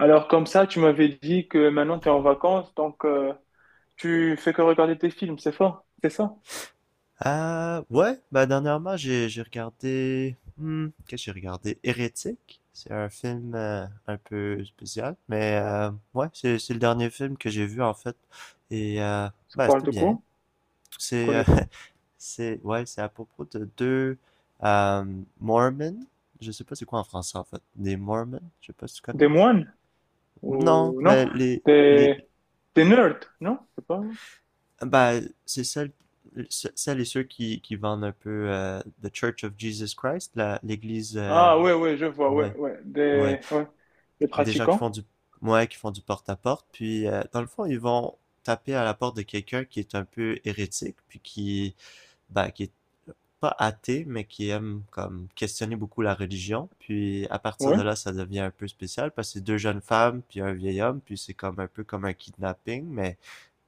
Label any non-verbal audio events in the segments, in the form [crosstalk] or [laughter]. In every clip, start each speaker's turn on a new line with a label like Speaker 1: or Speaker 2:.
Speaker 1: Alors comme ça, tu m'avais dit que maintenant tu es en vacances, donc tu fais que regarder tes films, c'est fort, c'est ça?
Speaker 2: Ouais, bah dernièrement, j'ai regardé... Hmm, qu'est-ce que j'ai regardé? Hérétique? C'est un film un peu spécial, mais ouais, c'est le dernier film que j'ai vu en fait. Et
Speaker 1: Ça
Speaker 2: bah
Speaker 1: parle
Speaker 2: c'était
Speaker 1: de
Speaker 2: bien.
Speaker 1: quoi? Je
Speaker 2: C'est
Speaker 1: connais pas.
Speaker 2: [laughs] c'est ouais, c'est à propos de deux euh, Mormons. Je sais pas c'est quoi en français en fait. Des Mormons, je sais pas si tu connais.
Speaker 1: Des moines?
Speaker 2: Non,
Speaker 1: Ou non?
Speaker 2: mais les
Speaker 1: Des, des nerds, non? C'est pas.
Speaker 2: Bah, c'est celle, celles et ceux qui vendent un peu The Church of Jesus Christ, la, l'église,
Speaker 1: Ah ouais, ouais, je vois, ouais,
Speaker 2: ouais,
Speaker 1: ouais.
Speaker 2: ouais,
Speaker 1: Des, ouais. Des
Speaker 2: des gens qui font
Speaker 1: pratiquants?
Speaker 2: du, ouais, qui font du porte-à-porte, puis dans le fond, ils vont taper à la porte de quelqu'un qui est un peu hérétique, puis qui, bah, qui est pas athée, mais qui aime comme questionner beaucoup la religion, puis à partir de
Speaker 1: Ouais,
Speaker 2: là, ça devient un peu spécial, parce que c'est deux jeunes femmes, puis un vieil homme, puis c'est comme un peu comme un kidnapping,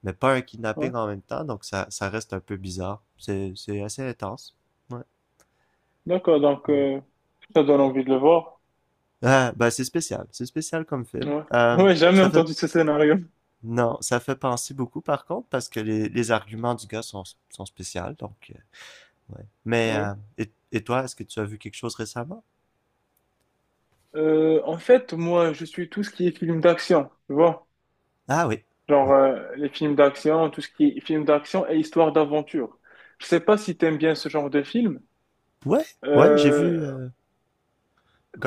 Speaker 2: mais pas un
Speaker 1: ouais.
Speaker 2: kidnapping en même temps, donc ça reste un peu bizarre. C'est assez intense. Ouais.
Speaker 1: D'accord, donc
Speaker 2: Ouais.
Speaker 1: ça donne envie de le voir.
Speaker 2: Ah, ben c'est spécial comme film.
Speaker 1: Ouais, ouais, jamais
Speaker 2: Ça fait,
Speaker 1: entendu ce scénario.
Speaker 2: non, ça fait penser beaucoup par contre, parce que les arguments du gars sont, sont spéciaux, donc, ouais. Mais,
Speaker 1: Ouais.
Speaker 2: et toi, est-ce que tu as vu quelque chose récemment?
Speaker 1: En fait, moi, je suis tout ce qui est film d'action, tu vois.
Speaker 2: Ah oui,
Speaker 1: Genre,
Speaker 2: oui.
Speaker 1: les films d'action, tout ce qui est film d'action et histoire d'aventure. Je sais pas si t'aimes bien ce genre de film.
Speaker 2: Ouais, ouais, j'ai vu
Speaker 1: Euh,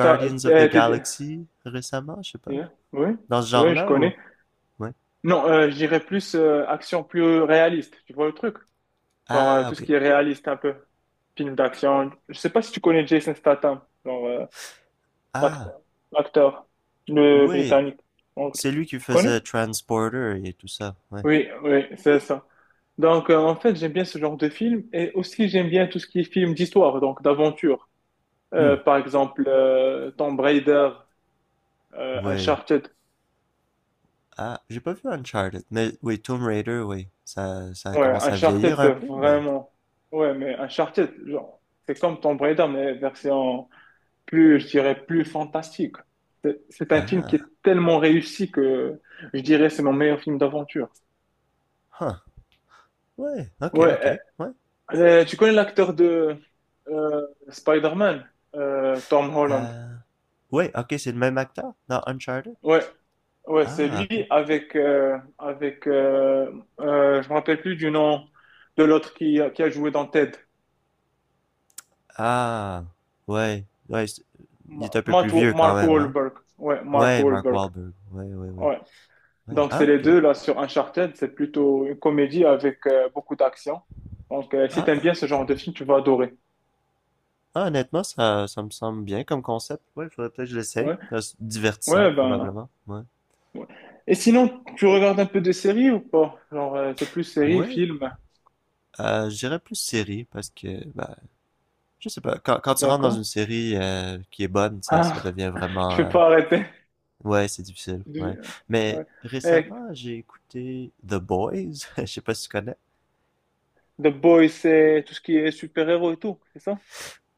Speaker 1: t'as,
Speaker 2: of the
Speaker 1: t'es- t'es-
Speaker 2: Galaxy récemment, je sais pas.
Speaker 1: Yeah, oui,
Speaker 2: Dans ce
Speaker 1: oui, je
Speaker 2: genre-là ou?
Speaker 1: connais.
Speaker 2: Ouais.
Speaker 1: Non, je dirais plus action plus réaliste, tu vois le truc? Genre,
Speaker 2: Ah,
Speaker 1: tout ce
Speaker 2: ok.
Speaker 1: qui est réaliste un peu. Film d'action. Je sais pas si tu connais Jason Statham. Genre,
Speaker 2: Ah,
Speaker 1: L'acteur, l'acteur, le
Speaker 2: oui,
Speaker 1: Britannique. En vrai.
Speaker 2: c'est lui qui
Speaker 1: Tu
Speaker 2: faisait
Speaker 1: connais?
Speaker 2: Transporter et tout ça, ouais.
Speaker 1: Oui, oui, c'est ça. Donc, en fait, j'aime bien ce genre de film et aussi j'aime bien tout ce qui est film d'histoire, donc d'aventure.
Speaker 2: Hmm.
Speaker 1: Par exemple, Tomb Raider,
Speaker 2: Ouais.
Speaker 1: Uncharted.
Speaker 2: Ah, j'ai pas vu Uncharted, mais oui, Tomb Raider, oui. Ça
Speaker 1: Ouais,
Speaker 2: commence à
Speaker 1: Uncharted,
Speaker 2: vieillir un
Speaker 1: c'est
Speaker 2: peu, mais...
Speaker 1: vraiment. Ouais, mais Uncharted, genre, c'est comme Tomb Raider, mais version plus, je dirais, plus fantastique. C'est un film qui est
Speaker 2: Ah,
Speaker 1: tellement réussi que je dirais c'est mon meilleur film d'aventure.
Speaker 2: huh. Ouais, ok, ok,
Speaker 1: Ouais,
Speaker 2: ouais.
Speaker 1: Tu connais l'acteur de Spider-Man, Tom Holland.
Speaker 2: Euh... Ouais, ok, c'est le même acteur dans Uncharted?
Speaker 1: Ouais, ouais, c'est
Speaker 2: Ah,
Speaker 1: lui
Speaker 2: ok.
Speaker 1: avec je me rappelle plus du nom de l'autre qui a joué dans Ted.
Speaker 2: Ah, ouais, ouais, il est un peu plus vieux quand
Speaker 1: Mark
Speaker 2: même, hein?
Speaker 1: Wahlberg. Ouais, Mark
Speaker 2: Ouais, Mark
Speaker 1: Wahlberg.
Speaker 2: Wahlberg, ouais, ouais, ouais.
Speaker 1: Ouais.
Speaker 2: Ouais,
Speaker 1: Donc c'est
Speaker 2: ah,
Speaker 1: les
Speaker 2: ok.
Speaker 1: deux là sur Uncharted, c'est plutôt une comédie avec beaucoup d'action. Donc si t'aimes
Speaker 2: Ah,
Speaker 1: bien ce genre de film, tu vas adorer.
Speaker 2: ah, honnêtement, ça me semble bien comme concept. Ouais, il faudrait peut-être que je l'essaye.
Speaker 1: Ouais.
Speaker 2: Ça, c'est divertissant,
Speaker 1: Ouais, ben
Speaker 2: probablement. Ouais.
Speaker 1: ouais. Et sinon, tu regardes un peu de séries ou pas? Genre, t'es plus séries,
Speaker 2: Ouais.
Speaker 1: films,
Speaker 2: Je dirais plus série, parce que, ben, je sais pas. Quand, quand tu rentres dans
Speaker 1: d'accord?
Speaker 2: une série qui est bonne, ça
Speaker 1: Ah,
Speaker 2: devient
Speaker 1: [laughs] je
Speaker 2: vraiment...
Speaker 1: peux
Speaker 2: euh,
Speaker 1: pas arrêter.
Speaker 2: Ouais, c'est difficile. Ouais. Mais
Speaker 1: Ouais. Eh,
Speaker 2: récemment, j'ai écouté The Boys. [laughs] Je sais pas si tu connais.
Speaker 1: The Boys, c'est tout ce qui est super-héros et tout, c'est ça?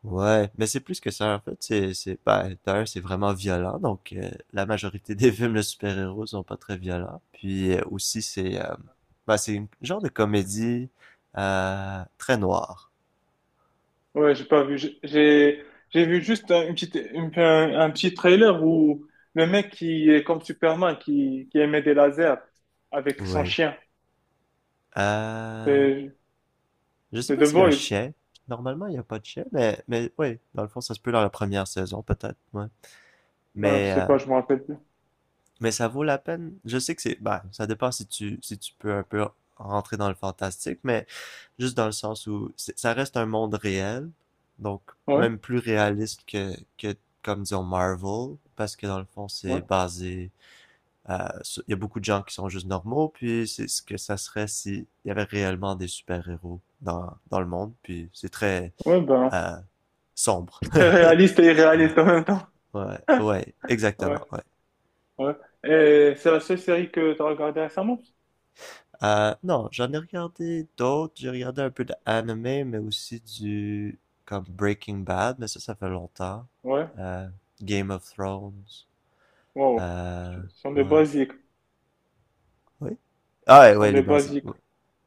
Speaker 2: Ouais, mais c'est plus que ça, en fait, c'est, ben, d'ailleurs, c'est vraiment violent, donc la majorité [laughs] des films de super-héros sont pas très violents, puis aussi, c'est, ben, c'est une genre de comédie très noire.
Speaker 1: Ouais, j'ai pas vu. J'ai vu juste un, une petite, une- un petit trailer où le mec qui est comme Superman, qui émet des lasers avec son
Speaker 2: Oui.
Speaker 1: chien.
Speaker 2: Euh,
Speaker 1: C'est
Speaker 2: je sais
Speaker 1: c'est
Speaker 2: pas
Speaker 1: The
Speaker 2: s'il y a un
Speaker 1: Boys.
Speaker 2: chien, normalement, il y a pas de chien, mais oui, dans le fond, ça se peut dans la première saison, peut-être, ouais.
Speaker 1: Non, je
Speaker 2: Mais,
Speaker 1: sais pas, je me rappelle plus.
Speaker 2: mais ça vaut la peine. Je sais que c'est, bah, ça dépend si tu, si tu peux un peu rentrer dans le fantastique, mais juste dans le sens où ça reste un monde réel, donc
Speaker 1: Ouais,
Speaker 2: même plus réaliste que comme disons Marvel, parce que dans le fond c'est
Speaker 1: ouais,
Speaker 2: basé, il y a beaucoup de gens qui sont juste normaux, puis c'est ce que ça serait s'il y avait réellement des super-héros dans, dans le monde, puis c'est très
Speaker 1: ouais, ben,
Speaker 2: euh, sombre.
Speaker 1: [laughs] très
Speaker 2: [laughs]
Speaker 1: réaliste et irréaliste en même temps.
Speaker 2: Ouais, ouais,
Speaker 1: [laughs]
Speaker 2: ouais, exactement,
Speaker 1: Ouais,
Speaker 2: ouais.
Speaker 1: ouais. Et c'est la seule série que tu as regardée récemment?
Speaker 2: Non, j'en ai regardé d'autres. J'ai regardé un peu d'anime, mais aussi du comme Breaking Bad, mais ça fait longtemps.
Speaker 1: Ouais,
Speaker 2: Euh, Game of Thrones.
Speaker 1: wow. Ce
Speaker 2: Euh,
Speaker 1: sont des
Speaker 2: ouais.
Speaker 1: basiques.
Speaker 2: Oui. Ah ouais,
Speaker 1: Ce sont
Speaker 2: ouais, les
Speaker 1: des
Speaker 2: basiques.
Speaker 1: basiques.
Speaker 2: Ouais.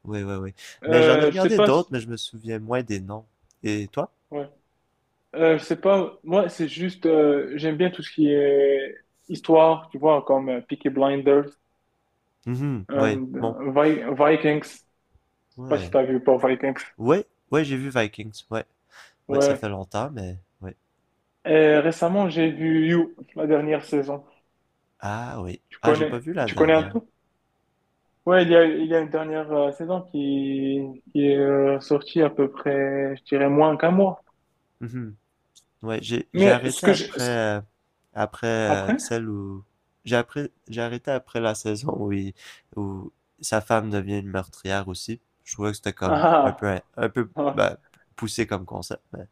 Speaker 2: Oui, oui, oui. Mais j'en ai
Speaker 1: Je sais
Speaker 2: regardé
Speaker 1: pas si.
Speaker 2: d'autres, mais je me souviens moins des noms. Et toi?
Speaker 1: Ouais. Je sais pas, moi c'est juste, j'aime bien tout ce qui est histoire, tu vois, comme Peaky Blinders,
Speaker 2: Mhm, ouais,
Speaker 1: and,
Speaker 2: bon.
Speaker 1: Vikings, je sais pas si
Speaker 2: Ouais.
Speaker 1: t'as vu ou pas Vikings.
Speaker 2: Ouais, ouais, j'ai vu Vikings. Ouais. Ouais, ça fait
Speaker 1: Ouais.
Speaker 2: longtemps, mais ouais.
Speaker 1: Et récemment j'ai vu You, la dernière saison.
Speaker 2: Ah oui.
Speaker 1: Tu
Speaker 2: Ah, j'ai pas
Speaker 1: connais,
Speaker 2: vu la
Speaker 1: tu connais un
Speaker 2: dernière.
Speaker 1: peu? Ouais, il y a une dernière saison qui est sortie à peu près, je dirais moins qu'un mois.
Speaker 2: Mhm. Ouais, j'ai
Speaker 1: Mais ce
Speaker 2: arrêté
Speaker 1: que je...
Speaker 2: après après
Speaker 1: Après?
Speaker 2: celle où j'ai après j'ai arrêté après la saison où où sa femme devient une meurtrière aussi. Je trouvais que c'était comme
Speaker 1: Ah,
Speaker 2: un peu
Speaker 1: ah. Ah.
Speaker 2: ben, poussé comme concept, mais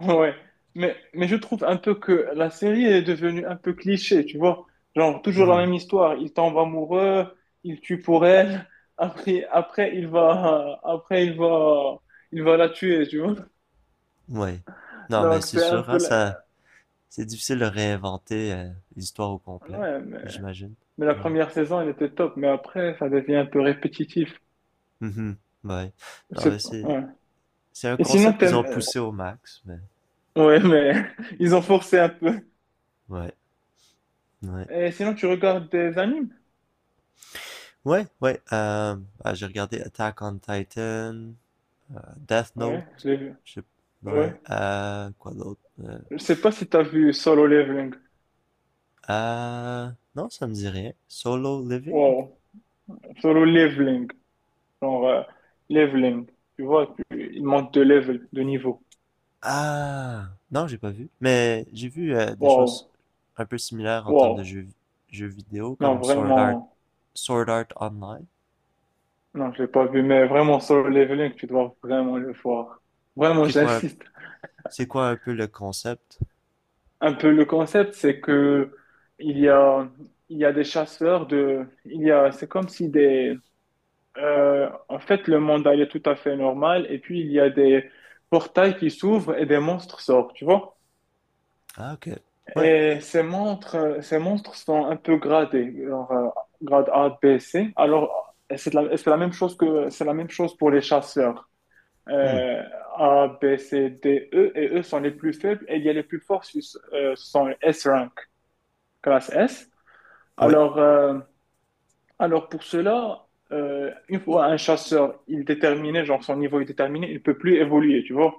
Speaker 1: Ouais, mais je trouve un peu que la série est devenue un peu cliché, tu vois. Genre, toujours la
Speaker 2: Mhm.
Speaker 1: même histoire. Il tombe amoureux, il tue pour elle, [laughs] après, après, il va, après, il va la tuer, tu vois.
Speaker 2: Ouais. Non, mais
Speaker 1: Donc,
Speaker 2: c'est
Speaker 1: c'est un
Speaker 2: sûr, hein,
Speaker 1: peu,
Speaker 2: ça c'est difficile de réinventer l'histoire au complet,
Speaker 1: ouais, mais,
Speaker 2: j'imagine.
Speaker 1: mais la
Speaker 2: Ouais.
Speaker 1: première saison, elle était top, mais après, ça devient un peu répétitif.
Speaker 2: Mhm. Ouais. Non, mais
Speaker 1: Ouais.
Speaker 2: c'est un
Speaker 1: Et sinon,
Speaker 2: concept qu'ils ont
Speaker 1: t'aimes,
Speaker 2: poussé au max, mais
Speaker 1: ouais, mais [laughs] ils ont forcé un peu.
Speaker 2: ouais. Ouais.
Speaker 1: Et sinon, tu regardes des animes?
Speaker 2: Ouais, ouais. Ah, j'ai regardé Attack on Titan, Death
Speaker 1: Ouais,
Speaker 2: Note.
Speaker 1: je l'ai vu.
Speaker 2: Je sais
Speaker 1: Ouais.
Speaker 2: ouais. Quoi d'autre?
Speaker 1: Je sais pas si t'as vu Solo Leveling.
Speaker 2: Euh, non, ça me dit rien. Solo Living?
Speaker 1: Wow. Solo leveling, genre leveling. Tu vois, il manque de level, de niveau.
Speaker 2: Ah, non, j'ai pas vu. Mais j'ai vu des
Speaker 1: Waouh,
Speaker 2: choses un peu similaires en termes
Speaker 1: waouh.
Speaker 2: de jeux, jeux vidéo,
Speaker 1: Non,
Speaker 2: comme Sword Art,
Speaker 1: vraiment,
Speaker 2: Sword Art Online.
Speaker 1: non, je l'ai pas vu, mais vraiment solo leveling, tu dois vraiment le voir. Vraiment,
Speaker 2: C'est quoi,
Speaker 1: j'insiste.
Speaker 2: c'est quoi un peu le concept?
Speaker 1: Un peu le concept, c'est que il y a, il y a des chasseurs de, il y a, c'est comme si des, en fait, le monde allait tout à fait normal, et puis il y a des portails qui s'ouvrent et des monstres sortent, tu vois?
Speaker 2: Ah, ok. Ouais.
Speaker 1: Et ces montres sont un peu gradées, genre, grade A, B, C. Alors, c'est la même chose que, c'est la même chose pour les chasseurs.
Speaker 2: Hmm.
Speaker 1: Euh, A, B, C, D, E, et eux sont les plus faibles, et il y a les plus forts, ce sont les S rank, classe S.
Speaker 2: Oui.
Speaker 1: Alors, euh, alors pour cela, une fois un chasseur, il est déterminé, genre son niveau est déterminé, il peut plus évoluer, tu vois.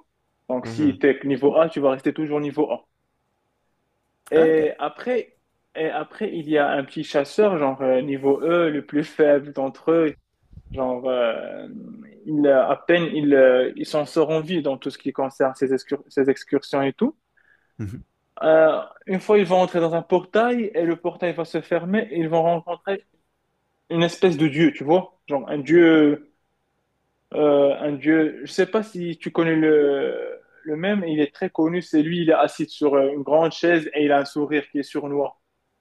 Speaker 1: Donc, si
Speaker 2: Mhm.
Speaker 1: tu es niveau A, tu vas rester toujours niveau A.
Speaker 2: Ah, ok.
Speaker 1: Et après, et après, il y a un petit chasseur, genre niveau E, le plus faible d'entre eux. Genre, il, à peine il, ils s'en sortent en vie dans tout ce qui concerne ces excursions et tout.
Speaker 2: Mhm.
Speaker 1: Euh, une fois, ils vont entrer dans un portail et le portail va se fermer et ils vont rencontrer une espèce de dieu, tu vois? Genre un dieu. Je sais pas si tu connais le même, il est très connu. C'est lui, il est assis sur une grande chaise et il a un sourire qui est sournois.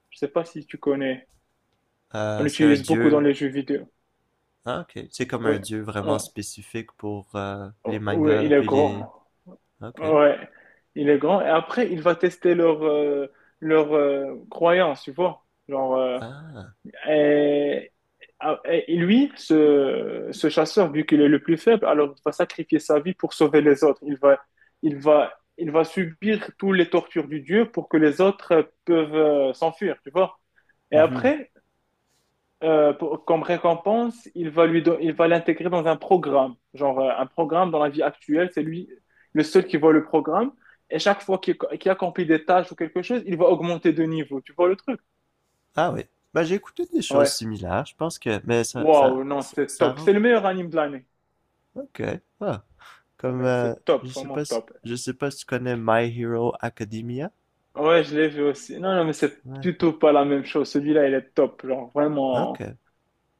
Speaker 1: Je sais pas si tu connais. On
Speaker 2: C'est un
Speaker 1: l'utilise beaucoup dans
Speaker 2: dieu
Speaker 1: les jeux vidéo.
Speaker 2: ah, ok. C'est comme
Speaker 1: Oui,
Speaker 2: un dieu vraiment
Speaker 1: ouais.
Speaker 2: spécifique pour les
Speaker 1: Ouais,
Speaker 2: mangas
Speaker 1: il est
Speaker 2: puis les.
Speaker 1: grand.
Speaker 2: Ok.
Speaker 1: Ouais, il est grand. Et après, il va tester leur croyance, tu vois. Genre,
Speaker 2: Ah.
Speaker 1: et, et lui, ce chasseur, vu qu'il est le plus faible, alors il va sacrifier sa vie pour sauver les autres. Il va, il va subir toutes les tortures du dieu pour que les autres peuvent s'enfuir, tu vois. Et
Speaker 2: Mhm.
Speaker 1: après, comme récompense, il va l'intégrer dans un programme. Genre, un programme dans la vie actuelle, c'est lui le seul qui voit le programme. Et chaque fois qu'il accomplit des tâches ou quelque chose, il va augmenter de niveau. Tu vois le truc?
Speaker 2: Ah oui. Ben, j'ai écouté des
Speaker 1: Ouais.
Speaker 2: choses similaires. Je pense que. Mais ça, ça,
Speaker 1: Waouh, non,
Speaker 2: ça,
Speaker 1: c'est
Speaker 2: ça
Speaker 1: top.
Speaker 2: rend.
Speaker 1: C'est le meilleur anime de l'année.
Speaker 2: Ok. Ah.
Speaker 1: Oh,
Speaker 2: Comme.
Speaker 1: mais c'est
Speaker 2: Je
Speaker 1: top,
Speaker 2: sais
Speaker 1: vraiment
Speaker 2: pas si.
Speaker 1: top.
Speaker 2: Je sais pas si tu connais My Hero Academia.
Speaker 1: Ouais, je l'ai vu aussi. Non, non, mais c'est
Speaker 2: Ouais.
Speaker 1: plutôt pas la même chose. Celui-là, il est top. Genre,
Speaker 2: Ok.
Speaker 1: vraiment.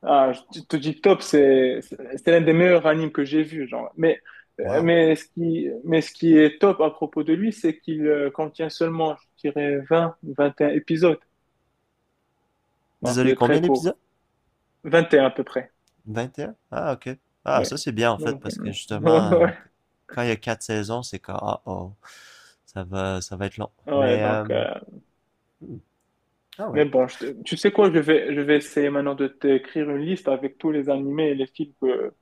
Speaker 1: Ah, je te dis top, c'est l'un des meilleurs animes que j'ai vu, genre. Mais
Speaker 2: Wow.
Speaker 1: mais ce qui est top à propos de lui, c'est qu'il contient seulement, je dirais, 20, 21 épisodes. Donc il
Speaker 2: Désolé,
Speaker 1: est
Speaker 2: combien
Speaker 1: très
Speaker 2: d'épisodes?
Speaker 1: court, 21 à peu près.
Speaker 2: 21. Ah, ok. Ah,
Speaker 1: Ouais.
Speaker 2: ça c'est bien en fait
Speaker 1: Donc
Speaker 2: parce que
Speaker 1: [laughs]
Speaker 2: justement,
Speaker 1: ouais,
Speaker 2: quand il y a quatre saisons, c'est quand. Oh oh. Ça va être long.
Speaker 1: ouais,
Speaker 2: Mais. euh,
Speaker 1: donc
Speaker 2: hmm. Ah
Speaker 1: mais
Speaker 2: ouais.
Speaker 1: bon, tu sais quoi, je vais essayer maintenant de t'écrire une liste avec tous les animés et les films que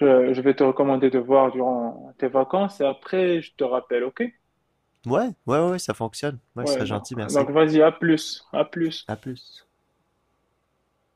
Speaker 1: je vais te recommander de voir durant tes vacances et après je te rappelle, OK?
Speaker 2: Ouais, ouais, ouais, ouais, ça fonctionne. Ouais, ce
Speaker 1: Ouais,
Speaker 2: serait
Speaker 1: non.
Speaker 2: gentil, merci.
Speaker 1: Donc vas-y, à plus, à plus.
Speaker 2: À plus.